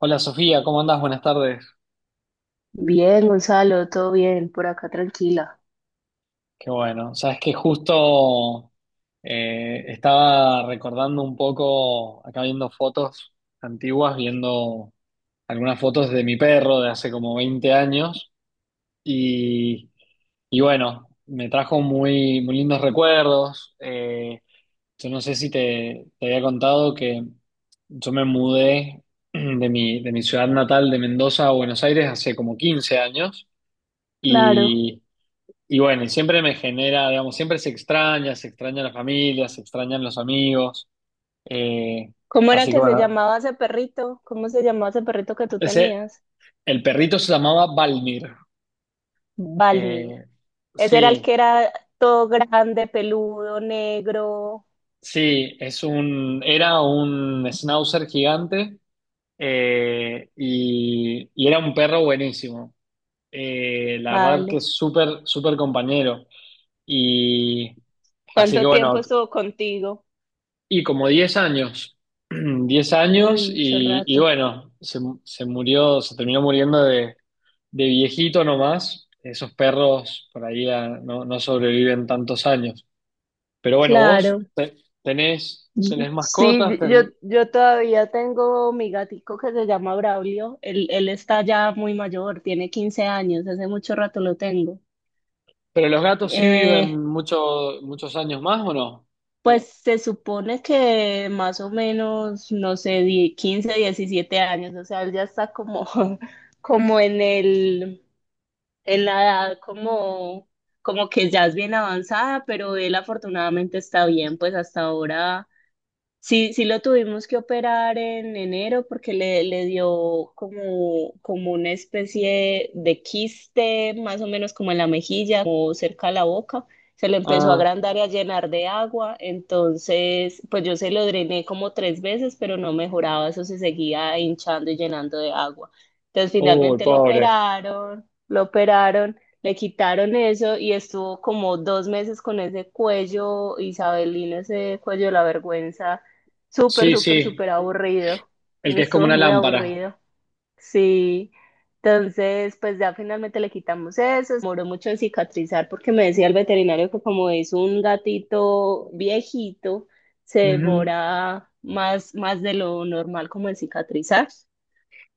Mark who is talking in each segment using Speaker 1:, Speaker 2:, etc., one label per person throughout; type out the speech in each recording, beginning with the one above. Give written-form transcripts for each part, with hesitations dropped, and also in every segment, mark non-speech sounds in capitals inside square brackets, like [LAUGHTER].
Speaker 1: Hola Sofía, ¿cómo andás? Buenas tardes.
Speaker 2: Bien, Gonzalo, todo bien, por acá tranquila.
Speaker 1: Qué bueno. Sabes que justo estaba recordando un poco, acá viendo fotos antiguas, viendo algunas fotos de mi perro de hace como 20 años y, y bueno, me trajo muy, muy lindos recuerdos. Yo no sé si te había contado que yo me mudé [CLEARS THROAT] de de mi ciudad natal de Mendoza a Buenos Aires hace como 15 años.
Speaker 2: Claro.
Speaker 1: y Y bueno, y siempre me genera, digamos, siempre se extraña la familia, se extrañan los amigos. eh,
Speaker 2: ¿Cómo era
Speaker 1: Así que
Speaker 2: que se
Speaker 1: bueno,
Speaker 2: llamaba ese perrito? ¿Cómo se llamaba ese perrito que tú
Speaker 1: ese,
Speaker 2: tenías?
Speaker 1: el perrito se llamaba Balmir. Eh,
Speaker 2: Balmir. Ese era el que
Speaker 1: sí,
Speaker 2: era todo grande, peludo, negro.
Speaker 1: sí, es era un schnauzer gigante, y era un perro buenísimo. La verdad que
Speaker 2: Vale.
Speaker 1: es súper, súper compañero. Y así que
Speaker 2: ¿Cuánto tiempo
Speaker 1: bueno,
Speaker 2: estuvo contigo?
Speaker 1: y como 10 años. [CLEARS THROAT] diez
Speaker 2: Uy,
Speaker 1: años
Speaker 2: mucho
Speaker 1: y
Speaker 2: rato.
Speaker 1: bueno, se murió, se terminó muriendo de viejito nomás. Esos perros por ahí no, no sobreviven tantos años. Pero bueno, vos
Speaker 2: Claro.
Speaker 1: tenés, tenés
Speaker 2: Sí,
Speaker 1: mascotas,
Speaker 2: yo, yo todavía tengo mi gatico que se llama Braulio. Él está ya muy mayor, tiene 15 años, hace mucho rato lo tengo.
Speaker 1: pero los gatos sí viven
Speaker 2: Eh,
Speaker 1: muchos muchos años más, ¿o no?
Speaker 2: Pues se supone que más o menos, no sé, 15 17 años, o sea, él ya está como, [LAUGHS] como en la edad, como que ya es bien avanzada, pero él afortunadamente está bien, pues hasta ahora. Sí, sí lo tuvimos que operar en enero porque le dio como una especie de quiste, más o menos como en la mejilla, como cerca de la boca. Se le empezó a
Speaker 1: Ah,
Speaker 2: agrandar y a llenar de agua. Entonces, pues yo se lo drené como tres veces, pero no mejoraba. Eso se seguía hinchando y llenando de agua. Entonces,
Speaker 1: uy,
Speaker 2: finalmente lo
Speaker 1: pobre.
Speaker 2: operaron, lo operaron. Le quitaron eso y estuvo como 2 meses con ese cuello, isabelino, ese cuello de la vergüenza. Súper,
Speaker 1: Sí,
Speaker 2: súper,
Speaker 1: sí,
Speaker 2: súper aburrido.
Speaker 1: el que es como
Speaker 2: Estuvo
Speaker 1: una
Speaker 2: muy
Speaker 1: lámpara.
Speaker 2: aburrido. Sí. Entonces, pues ya finalmente le quitamos eso. Se demoró mucho en cicatrizar porque me decía el veterinario que como es un gatito viejito, se
Speaker 1: Ujú.
Speaker 2: demora más, más de lo normal como en cicatrizar.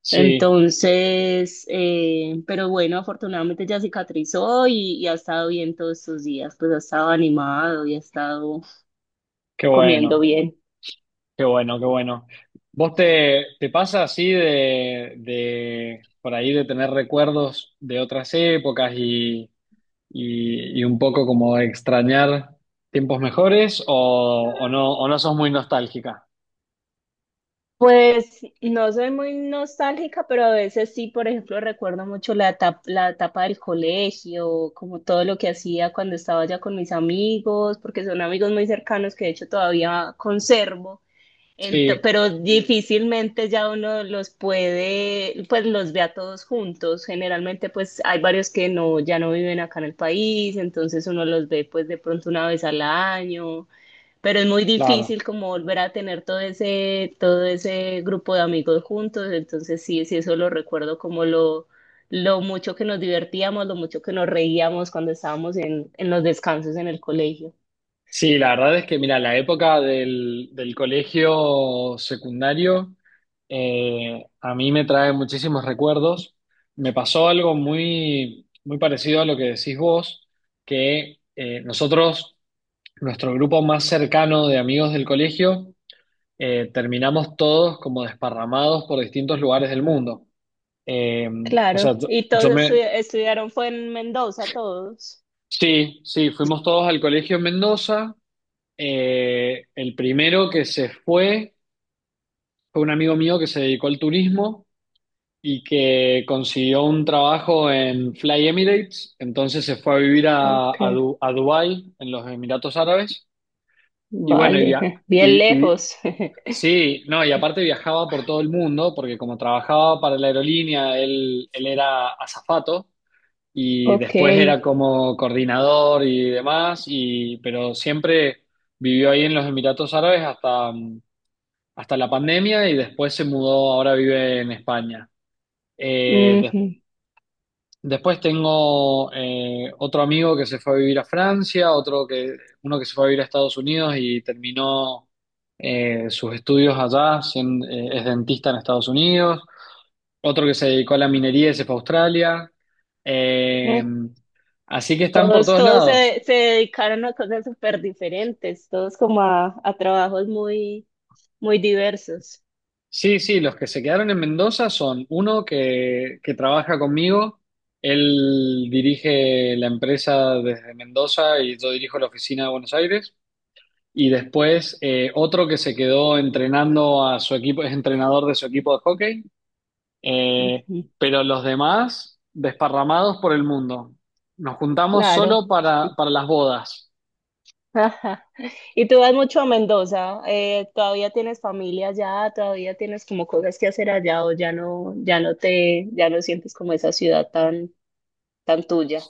Speaker 1: Sí,
Speaker 2: Entonces, pero bueno, afortunadamente ya cicatrizó y ha estado bien todos estos días. Pues ha estado animado y ha estado
Speaker 1: qué
Speaker 2: comiendo
Speaker 1: bueno.
Speaker 2: bien.
Speaker 1: Qué bueno, qué bueno. ¿Vos te pasa así de por ahí de tener recuerdos de otras épocas y un poco como extrañar tiempos mejores o no sos muy nostálgica?
Speaker 2: Pues no soy muy nostálgica, pero a veces sí, por ejemplo, recuerdo mucho la etapa del colegio, como todo lo que hacía cuando estaba ya con mis amigos, porque son amigos muy cercanos que de hecho todavía conservo. Ento-
Speaker 1: Sí,
Speaker 2: pero difícilmente ya uno los puede, pues los ve a todos juntos. Generalmente pues hay varios que no, ya no viven acá en el país, entonces uno los ve pues de pronto una vez al año, pero es muy
Speaker 1: claro.
Speaker 2: difícil como volver a tener todo ese grupo de amigos juntos, entonces sí, sí, eso lo recuerdo como lo mucho que nos divertíamos, lo mucho que nos reíamos cuando estábamos en los descansos en el colegio.
Speaker 1: Sí, la verdad es que, mira,
Speaker 2: Sí.
Speaker 1: la época del, del colegio secundario, a mí me trae muchísimos recuerdos. Me pasó algo muy, muy parecido a lo que decís vos, que nuestro grupo más cercano de amigos del colegio, terminamos todos como desparramados por distintos lugares del mundo. Eh, o
Speaker 2: Claro,
Speaker 1: sea,
Speaker 2: y todos
Speaker 1: yo me...
Speaker 2: estudiaron, fue en Mendoza, todos.
Speaker 1: Sí, sí, fuimos todos al colegio en Mendoza. El primero que se fue... Fue un amigo mío que se dedicó al turismo y que consiguió un trabajo en Fly Emirates, entonces se fue a vivir
Speaker 2: Ok,
Speaker 1: a Dubái, en los Emiratos Árabes, y bueno,
Speaker 2: vale, [LAUGHS] bien
Speaker 1: y, y-
Speaker 2: lejos. [LAUGHS]
Speaker 1: sí, no, y aparte viajaba por todo el mundo, porque como trabajaba para la aerolínea, él era azafato, y
Speaker 2: Ok,
Speaker 1: después era como coordinador y demás, y, pero siempre vivió ahí en los Emiratos Árabes hasta, hasta la pandemia y después se mudó, ahora vive en España. Eh, des-
Speaker 2: ujú.
Speaker 1: Después tengo otro amigo que se fue a vivir a Francia, uno que se fue a vivir a Estados Unidos y terminó sus estudios allá, es dentista en Estados Unidos, otro que se dedicó a la minería y se fue a Australia. Eh,
Speaker 2: Mm.
Speaker 1: Así que están por
Speaker 2: Todos,
Speaker 1: todos
Speaker 2: todos
Speaker 1: lados.
Speaker 2: se dedicaron a cosas súper diferentes, todos como a trabajos muy muy diversos.
Speaker 1: Sí, sí, los que se quedaron en Mendoza son uno que trabaja conmigo, él dirige la empresa desde Mendoza y yo dirijo la oficina de Buenos Aires, y después otro que se quedó entrenando a su equipo, es entrenador de su equipo de hockey, eh,
Speaker 2: Ujú.
Speaker 1: pero los demás desparramados por el mundo. Nos juntamos
Speaker 2: Claro.
Speaker 1: solo para las bodas.
Speaker 2: [LAUGHS] Ajá. Y tú vas mucho a Mendoza. ¿Todavía tienes familia allá? ¿Todavía tienes como cosas que hacer allá o ya no sientes como esa ciudad tan, tan tuya?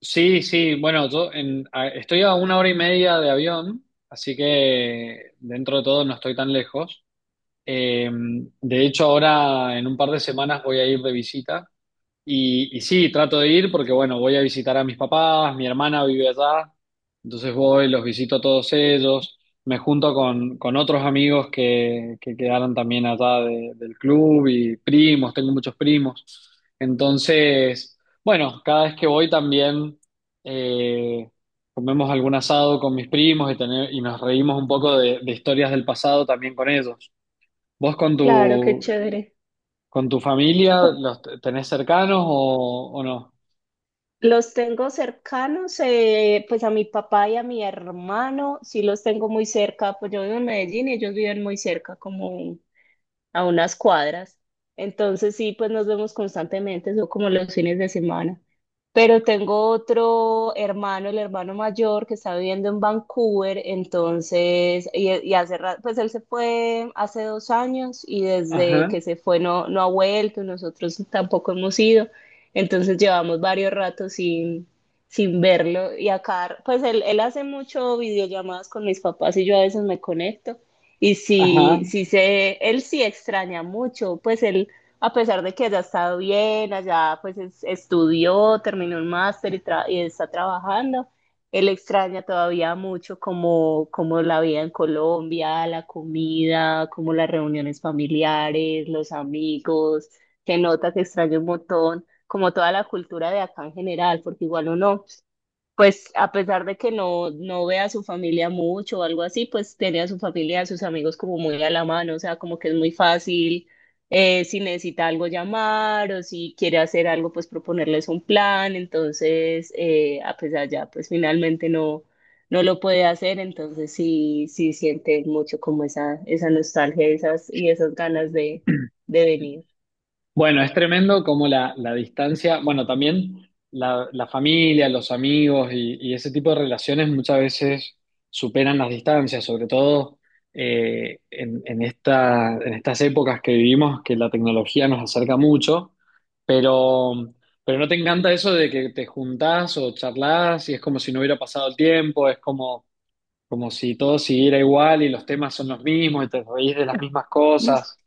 Speaker 1: Sí, sí, bueno, yo estoy a una hora y media de avión, así que dentro de todo no estoy tan lejos. Eh, de hecho, ahora en un par de semanas voy a ir de visita y sí, trato de ir porque, bueno, voy a visitar a mis papás, mi hermana vive allá, entonces voy, los visito a todos ellos, me junto con otros amigos que quedaron también allá del club y primos, tengo muchos primos. Entonces, bueno, cada vez que voy también eh, comemos algún asado con mis primos y nos reímos un poco de historias del pasado también con ellos. ¿Vos con
Speaker 2: Claro, qué
Speaker 1: tu,
Speaker 2: chévere.
Speaker 1: ¿Con tu familia los tenés cercanos o no?
Speaker 2: Los tengo cercanos, pues a mi papá y a mi hermano, sí los tengo muy cerca, pues yo vivo en Medellín y ellos viven muy cerca, como a unas cuadras. Entonces sí, pues nos vemos constantemente, son como los fines de semana. Pero tengo otro hermano, el hermano mayor, que está viviendo en Vancouver, entonces, y hace rato, pues él se fue hace 2 años y desde
Speaker 1: Ajá,
Speaker 2: que se fue no, no ha vuelto, nosotros tampoco hemos ido, entonces llevamos varios ratos sin verlo y acá, pues él hace mucho videollamadas con mis papás y yo a veces me conecto y
Speaker 1: ajá.
Speaker 2: sí, sí sé, él sí extraña mucho, pues él a pesar de que haya estado bien, allá pues estudió, terminó un máster y, y está trabajando, él extraña todavía mucho como la vida en Colombia, la comida, como las reuniones familiares, los amigos, que nota que extraña un montón, como toda la cultura de acá en general, porque igual uno, pues a pesar de que no, no ve a su familia mucho o algo así, pues tiene a su familia, a sus amigos como muy a la mano, o sea, como que es muy fácil, si necesita algo llamar o si quiere hacer algo, pues proponerles un plan, entonces, a pesar ya, pues finalmente no, no lo puede hacer, entonces sí, sí siente mucho como esa nostalgia, y esas ganas de venir.
Speaker 1: Bueno, es tremendo como la distancia, bueno, también la familia, los amigos y ese tipo de relaciones muchas veces superan las distancias, sobre todo en esta, en estas épocas que vivimos, que la tecnología nos acerca mucho, pero, pero ¿no te encanta eso de que te juntás o charlás y es como si no hubiera pasado el tiempo? Es como como si todo siguiera igual y los temas son los mismos y te reís de las mismas cosas.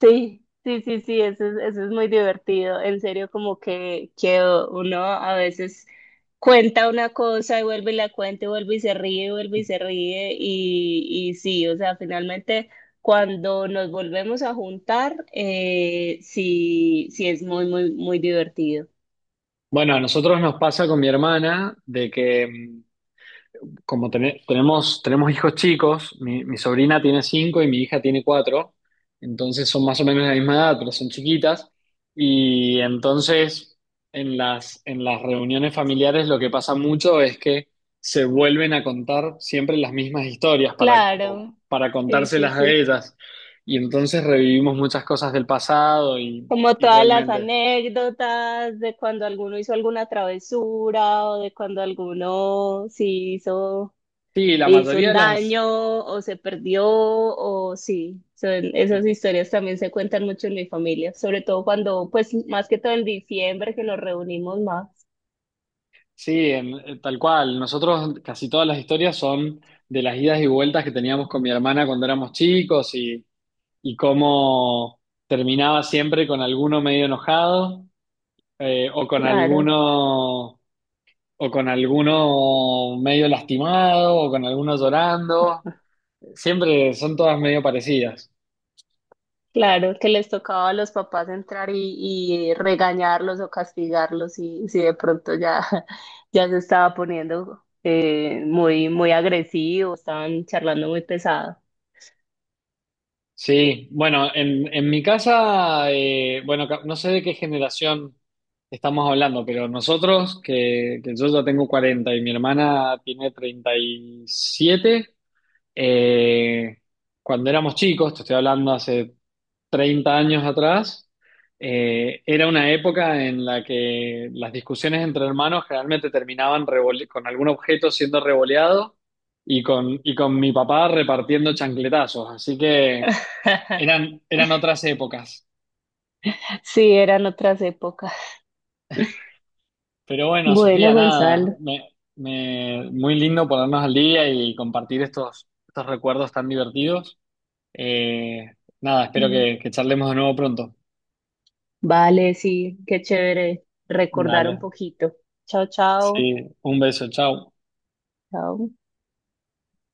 Speaker 2: Sí, sí, sí, sí, eso es muy divertido. En serio, como que uno a veces cuenta una cosa y vuelve y la cuenta y vuelve y se ríe, y vuelve y se ríe. Y sí, o sea, finalmente cuando nos volvemos a juntar, sí, sí es muy, muy, muy divertido.
Speaker 1: Bueno, a nosotros nos pasa con mi hermana de que tenemos, tenemos hijos chicos, mi sobrina tiene 5 y mi hija tiene 4, entonces son más o menos de la misma edad, pero son chiquitas. Y entonces en en las reuniones familiares lo que pasa mucho es que se vuelven a contar siempre las mismas historias para, como,
Speaker 2: Claro,
Speaker 1: para
Speaker 2: sí, sí,
Speaker 1: contárselas a
Speaker 2: sí.
Speaker 1: ellas. Y entonces revivimos muchas cosas del pasado
Speaker 2: Como
Speaker 1: y
Speaker 2: todas las
Speaker 1: realmente.
Speaker 2: anécdotas de cuando alguno hizo alguna travesura o de cuando alguno sí hizo,
Speaker 1: Sí, la
Speaker 2: le hizo
Speaker 1: mayoría
Speaker 2: un
Speaker 1: de las,
Speaker 2: daño o se perdió o sí, son, esas historias también se cuentan mucho en mi familia, sobre todo cuando, pues más que todo en diciembre que nos reunimos más.
Speaker 1: sí, tal cual. Nosotros casi todas las historias son de las idas y vueltas que teníamos con mi hermana cuando éramos chicos y cómo terminaba siempre con alguno medio enojado, eh, o con
Speaker 2: Claro,
Speaker 1: alguno o con alguno medio lastimado o con alguno llorando. Siempre son todas medio parecidas.
Speaker 2: claro, que les tocaba a los papás entrar y regañarlos o castigarlos y si de pronto ya, [LAUGHS] ya se estaba poniendo muy, muy agresivo, estaban charlando muy pesado.
Speaker 1: Sí, bueno, en mi casa, bueno, no sé de qué generación estamos hablando, pero nosotros, que yo ya tengo 40 y mi hermana tiene 37, eh, cuando éramos chicos, te estoy hablando hace 30 años atrás, era una época en la que las discusiones entre hermanos generalmente terminaban con algún objeto siendo revoleado y y con mi papá repartiendo chancletazos, así que...
Speaker 2: [LAUGHS]
Speaker 1: Eran, eran otras épocas.
Speaker 2: Sí, eran otras épocas.
Speaker 1: Pero bueno,
Speaker 2: Bueno,
Speaker 1: Sofía, nada,
Speaker 2: Gonzalo.
Speaker 1: muy lindo ponernos al día y compartir estos, estos recuerdos tan divertidos. Eh, Nada, espero que charlemos de nuevo pronto.
Speaker 2: Vale, sí, qué chévere recordar un
Speaker 1: Dale,
Speaker 2: poquito. Chao, chao.
Speaker 1: sí, un beso, chao.
Speaker 2: Chao.